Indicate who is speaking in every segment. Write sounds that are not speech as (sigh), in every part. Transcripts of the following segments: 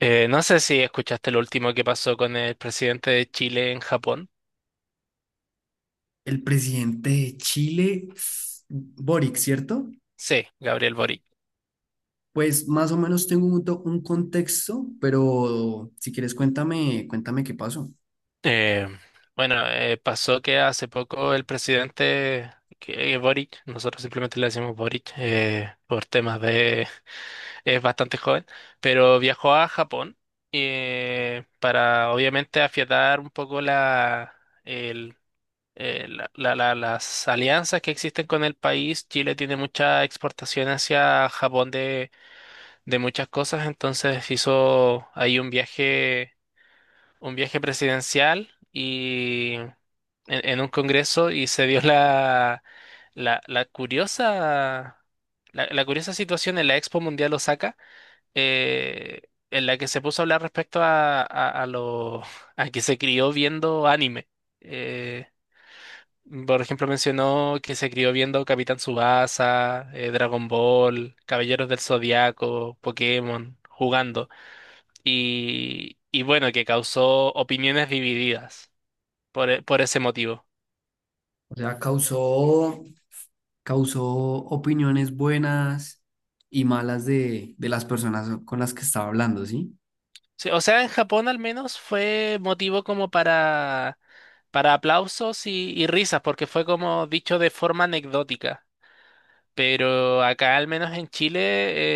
Speaker 1: No sé si escuchaste lo último que pasó con el presidente de Chile en Japón.
Speaker 2: El presidente de Chile, Boric, ¿cierto?
Speaker 1: Sí, Gabriel Boric.
Speaker 2: Pues más o menos tengo un contexto, pero si quieres cuéntame, cuéntame qué pasó.
Speaker 1: Eh, bueno, pasó que hace poco el presidente Boric, nosotros simplemente le decimos Boric, por temas de... (laughs) Es bastante joven, pero viajó a Japón, para obviamente afiatar un poco la, el, la- la- la- las alianzas que existen con el país. Chile tiene mucha exportación hacia Japón de muchas cosas, entonces hizo ahí un viaje presidencial y en un congreso y se dio la, la curiosa, la curiosa situación en la Expo Mundial Osaka, eh, en la que se puso a hablar respecto (laughs) a que se crió viendo anime. Eh, por ejemplo, mencionó que se crió viendo Capitán Tsubasa, Dragon Ball, Caballeros del Zodiaco, Pokémon, jugando y bueno, que causó opiniones divididas por ese motivo.
Speaker 2: O sea, causó opiniones buenas y malas de las personas con las que estaba hablando, ¿sí?
Speaker 1: Sí, o sea, en Japón al menos fue motivo como para aplausos y risas, porque fue como dicho de forma anecdótica. Pero acá, al menos en Chile,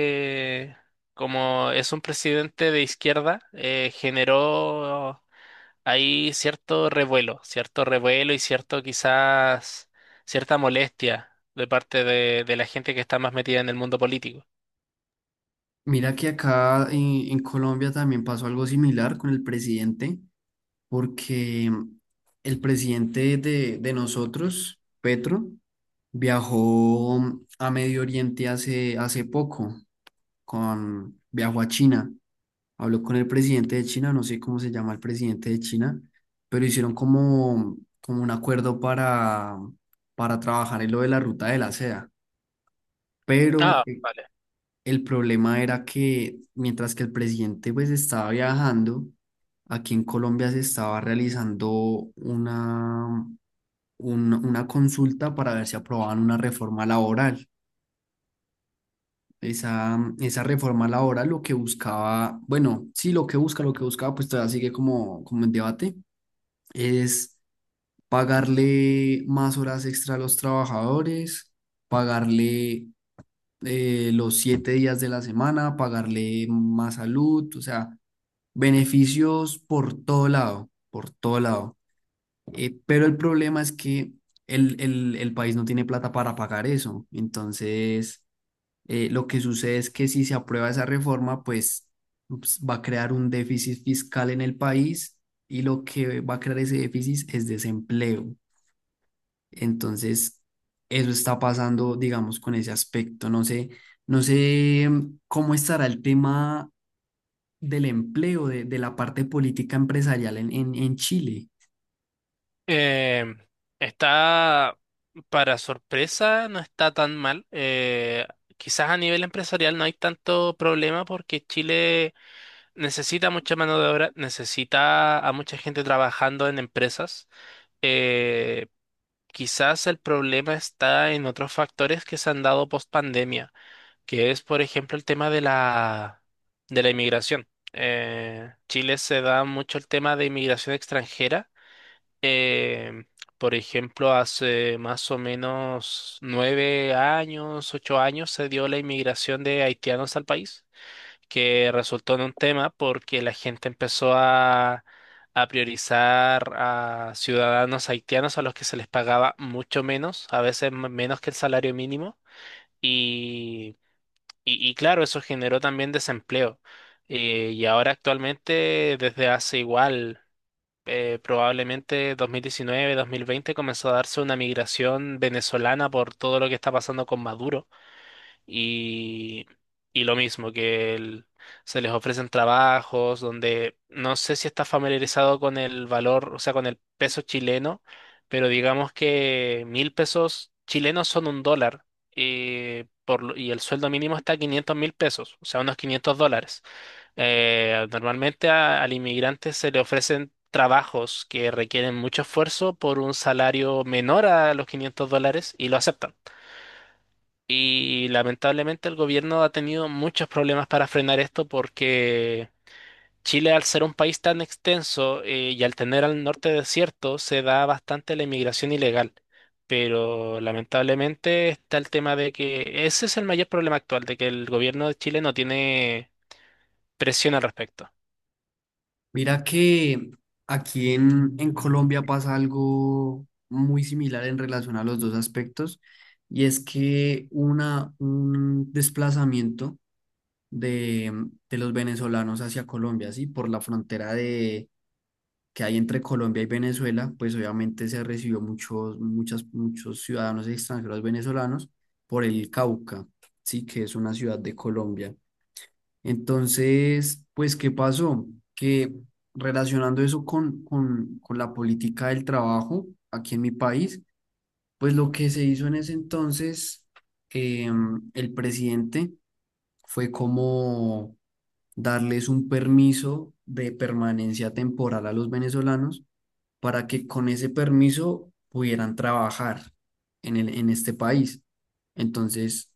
Speaker 1: eh, como es un presidente de izquierda, generó ahí cierto revuelo y cierto quizás cierta molestia de parte de la gente que está más metida en el mundo político.
Speaker 2: Mira que acá en Colombia también pasó algo similar con el presidente, porque el presidente de nosotros, Petro, viajó a Medio Oriente hace poco, viajó a China, habló con el presidente de China, no sé cómo se llama el presidente de China, pero hicieron como un acuerdo para trabajar en lo de la ruta de la seda. Pero
Speaker 1: Ah, vale.
Speaker 2: el problema era que mientras que el presidente pues estaba viajando, aquí en Colombia se estaba realizando una, una consulta para ver si aprobaban una reforma laboral. Esa reforma laboral lo que buscaba, bueno, sí, lo que busca, lo que buscaba, pues todavía sigue como en debate, es pagarle más horas extra a los trabajadores, pagarle los siete días de la semana, pagarle más salud, o sea, beneficios por todo lado, por todo lado. Pero el problema es que el país no tiene plata para pagar eso. Entonces, lo que sucede es que si se aprueba esa reforma, pues ups, va a crear un déficit fiscal en el país y lo que va a crear ese déficit es desempleo. Entonces, eso está pasando, digamos, con ese aspecto. No sé, no sé cómo estará el tema del empleo, de la parte política empresarial en Chile.
Speaker 1: Em, está, para sorpresa, no está tan mal. Quizás a nivel empresarial no hay tanto problema porque Chile necesita mucha mano de obra, necesita a mucha gente trabajando en empresas. Eh, Quizás el problema está en otros factores que se han dado post pandemia, que es, por ejemplo, el tema de la inmigración. Chile se da mucho el tema de inmigración extranjera. Eh, por ejemplo, hace más o menos 9 años, 8 años, se dio la inmigración de haitianos al país que resultó en un tema porque la gente empezó a priorizar a ciudadanos haitianos a los que se les pagaba mucho menos, a veces menos que el salario mínimo, y, y claro, eso generó también desempleo. Y ahora actualmente, desde hace igual, probablemente 2019, 2020, comenzó a darse una migración venezolana por todo lo que está pasando con Maduro y, y lo mismo, se les ofrecen trabajos donde no sé si está familiarizado con el valor, o sea, con el peso chileno, pero digamos que 1.000 pesos chilenos son un dólar, y el sueldo mínimo está a 500.000 pesos, o sea, unos 500 dólares. Normalmente al inmigrante se le ofrecen trabajos que requieren mucho esfuerzo por un salario menor a los 500 dólares y lo aceptan. Y lamentablemente el gobierno ha tenido muchos problemas para frenar esto porque Chile, al ser un país tan extenso, y al tener al norte desierto, se da bastante la inmigración ilegal. Pero lamentablemente está el tema de que ese es el mayor problema actual, de que el gobierno de Chile no tiene presión al respecto.
Speaker 2: Mira que aquí en Colombia pasa algo muy similar en relación a los dos aspectos, y es que un desplazamiento de, de los venezolanos hacia Colombia, ¿sí? Por la frontera que hay entre Colombia y Venezuela, pues obviamente se recibió muchos ciudadanos extranjeros venezolanos por el Cauca, sí, que es una ciudad de Colombia. Entonces, pues, ¿qué pasó? Que relacionando eso con la política del trabajo aquí en mi país, pues lo que se hizo en ese entonces, el presidente fue como darles un permiso de permanencia temporal a los venezolanos para que con ese permiso pudieran trabajar en en este país. Entonces,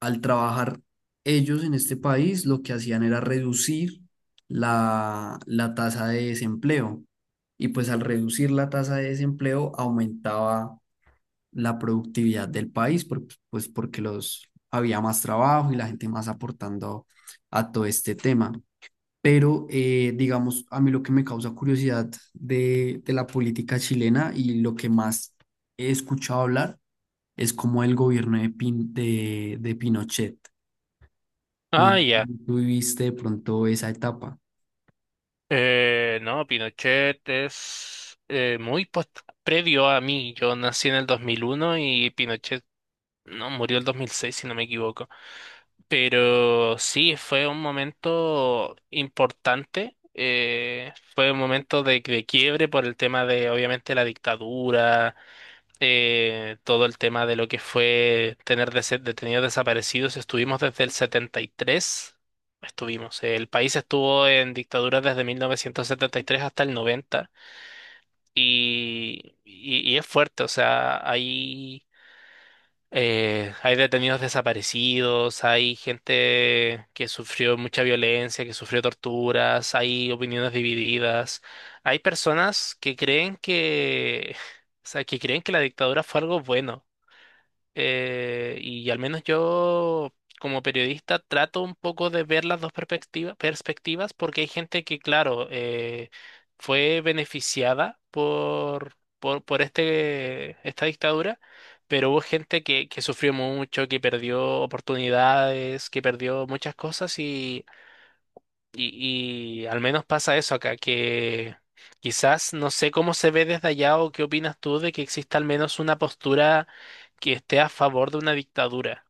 Speaker 2: al trabajar ellos en este país, lo que hacían era reducir la tasa de desempleo. Y pues al reducir la tasa de desempleo, aumentaba la productividad del país, por- pues porque los, había más trabajo y la gente más aportando a todo este tema. Pero, digamos, a mí lo que me causa curiosidad de la política chilena y lo que más he escuchado hablar es como el gobierno de Pinochet. ¿No
Speaker 1: Ah, ya.
Speaker 2: tuviste de pronto esa etapa?
Speaker 1: No, Pinochet es, muy previo a mí. Yo nací en el 2001 y Pinochet No, murió el 2006, si no me equivoco. Pero sí, fue un momento importante. Fue un momento de quiebre por el tema de, obviamente, la dictadura, todo el tema de lo que fue tener detenidos desaparecidos. Estuvimos desde el 73. Estuvimos. El país estuvo en dictadura desde 1973 hasta el 90. Y es fuerte, o sea, ahí, hay detenidos desaparecidos, hay gente que sufrió mucha violencia, que sufrió torturas, hay opiniones divididas, hay personas que creen que, (laughs) o sea, que creen que la dictadura fue algo bueno, y al menos yo como periodista trato un poco de ver las dos perspectivas porque hay gente que, claro, fue beneficiada por esta dictadura, pero hubo gente que sufrió mucho, que perdió oportunidades, que perdió muchas cosas y al menos pasa eso acá, que quizás no sé cómo se ve desde allá o qué opinas tú de que exista al menos una postura que esté a favor de una dictadura.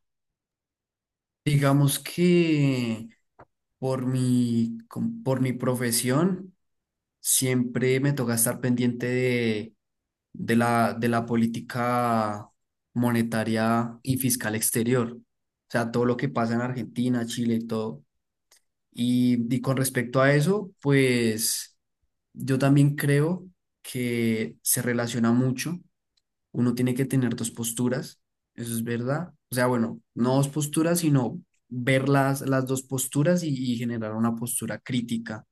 Speaker 2: Digamos que por mi profesión siempre me toca estar pendiente de de la política monetaria y fiscal exterior. O sea, todo lo que pasa en Argentina, Chile y todo. Y con respecto a eso, pues yo también creo que se relaciona mucho. Uno tiene que tener dos posturas, eso es verdad. O sea, bueno, no dos posturas, sino ver las dos posturas y generar una postura crítica.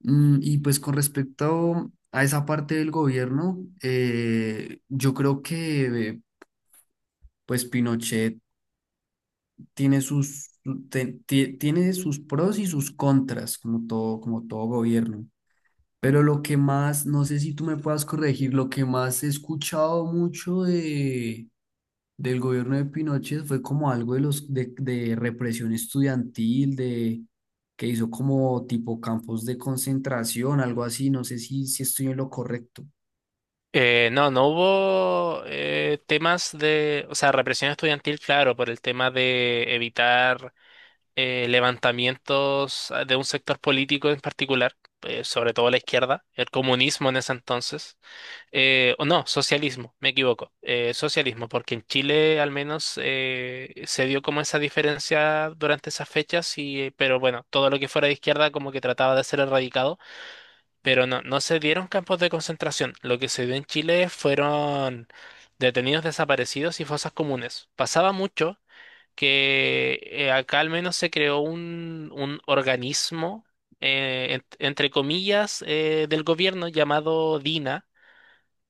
Speaker 2: Y pues con respecto a esa parte del gobierno, yo creo que pues Pinochet tiene sus, tiene sus pros y sus contras, como todo gobierno. Pero lo que más, no sé si tú me puedas corregir, lo que más he escuchado mucho del gobierno de Pinochet fue como algo de represión estudiantil, de que hizo como tipo campos de concentración, algo así, no sé si estoy en lo correcto.
Speaker 1: No, no hubo, temas de, o sea, represión estudiantil, claro, por el tema de evitar, levantamientos, de un sector político en particular, sobre todo la izquierda, el comunismo en ese entonces, o no, socialismo, me equivoco, socialismo, porque en Chile al menos, se dio como esa diferencia durante esas fechas, y, pero bueno, todo lo que fuera de izquierda como que trataba de ser erradicado, pero no, no se dieron campos de concentración, lo que se dio en Chile fueron... Detenidos desaparecidos y fosas comunes. Pasaba mucho que acá al menos se creó un organismo, entre comillas, del gobierno llamado DINA,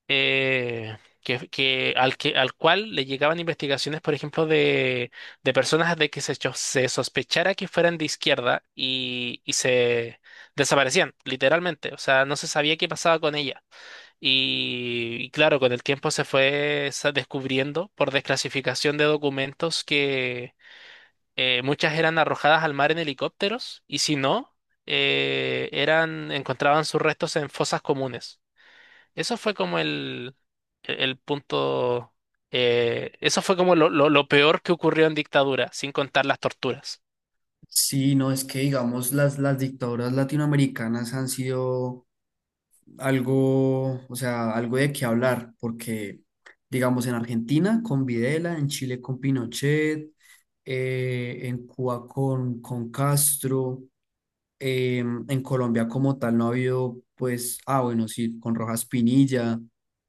Speaker 1: eh, al cual le llegaban investigaciones, por ejemplo, de personas de que se sospechara que fueran de izquierda y se desaparecían, literalmente. O sea, no se sabía qué pasaba con ella. Y claro, con el tiempo se fue descubriendo por desclasificación de documentos que muchas eran arrojadas al mar en helicópteros y si no, encontraban sus restos en fosas comunes. Eso fue como punto, eso fue como lo peor que ocurrió en dictadura, sin contar las torturas.
Speaker 2: Sí, no, es que digamos las dictaduras latinoamericanas han sido algo, o sea, algo de qué hablar, porque digamos en Argentina con Videla, en Chile con Pinochet, en Cuba con Castro, eh, en Colombia como tal no ha habido, pues, ah, bueno, sí, con Rojas Pinilla,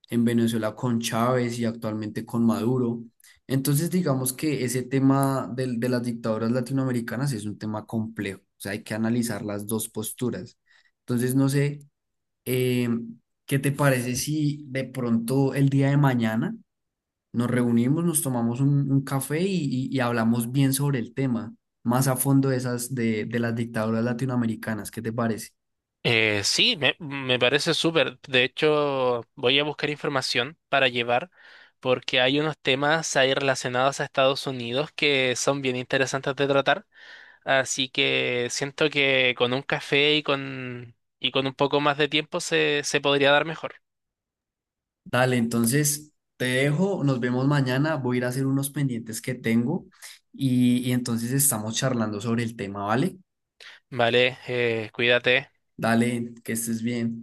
Speaker 2: en Venezuela con Chávez y actualmente con Maduro. Entonces, digamos que ese tema del- de, las dictaduras latinoamericanas es un tema complejo, o sea, hay que analizar las dos posturas. Entonces, no sé eh, ¿qué te parece si de pronto el día de mañana nos reunimos, nos tomamos un café y, y hablamos bien sobre el tema, más a fondo de esas de las dictaduras latinoamericanas? ¿Qué te parece?
Speaker 1: Sí, me parece súper. De hecho, voy a buscar información para llevar porque hay unos temas ahí relacionados a Estados Unidos que son bien interesantes de tratar. Así que siento que con un café y con un poco más de tiempo se podría dar mejor.
Speaker 2: Dale, entonces te dejo, nos vemos mañana, voy a ir a hacer unos pendientes que tengo y entonces estamos charlando sobre el tema, ¿vale?
Speaker 1: Vale, cuídate.
Speaker 2: Dale, que estés bien.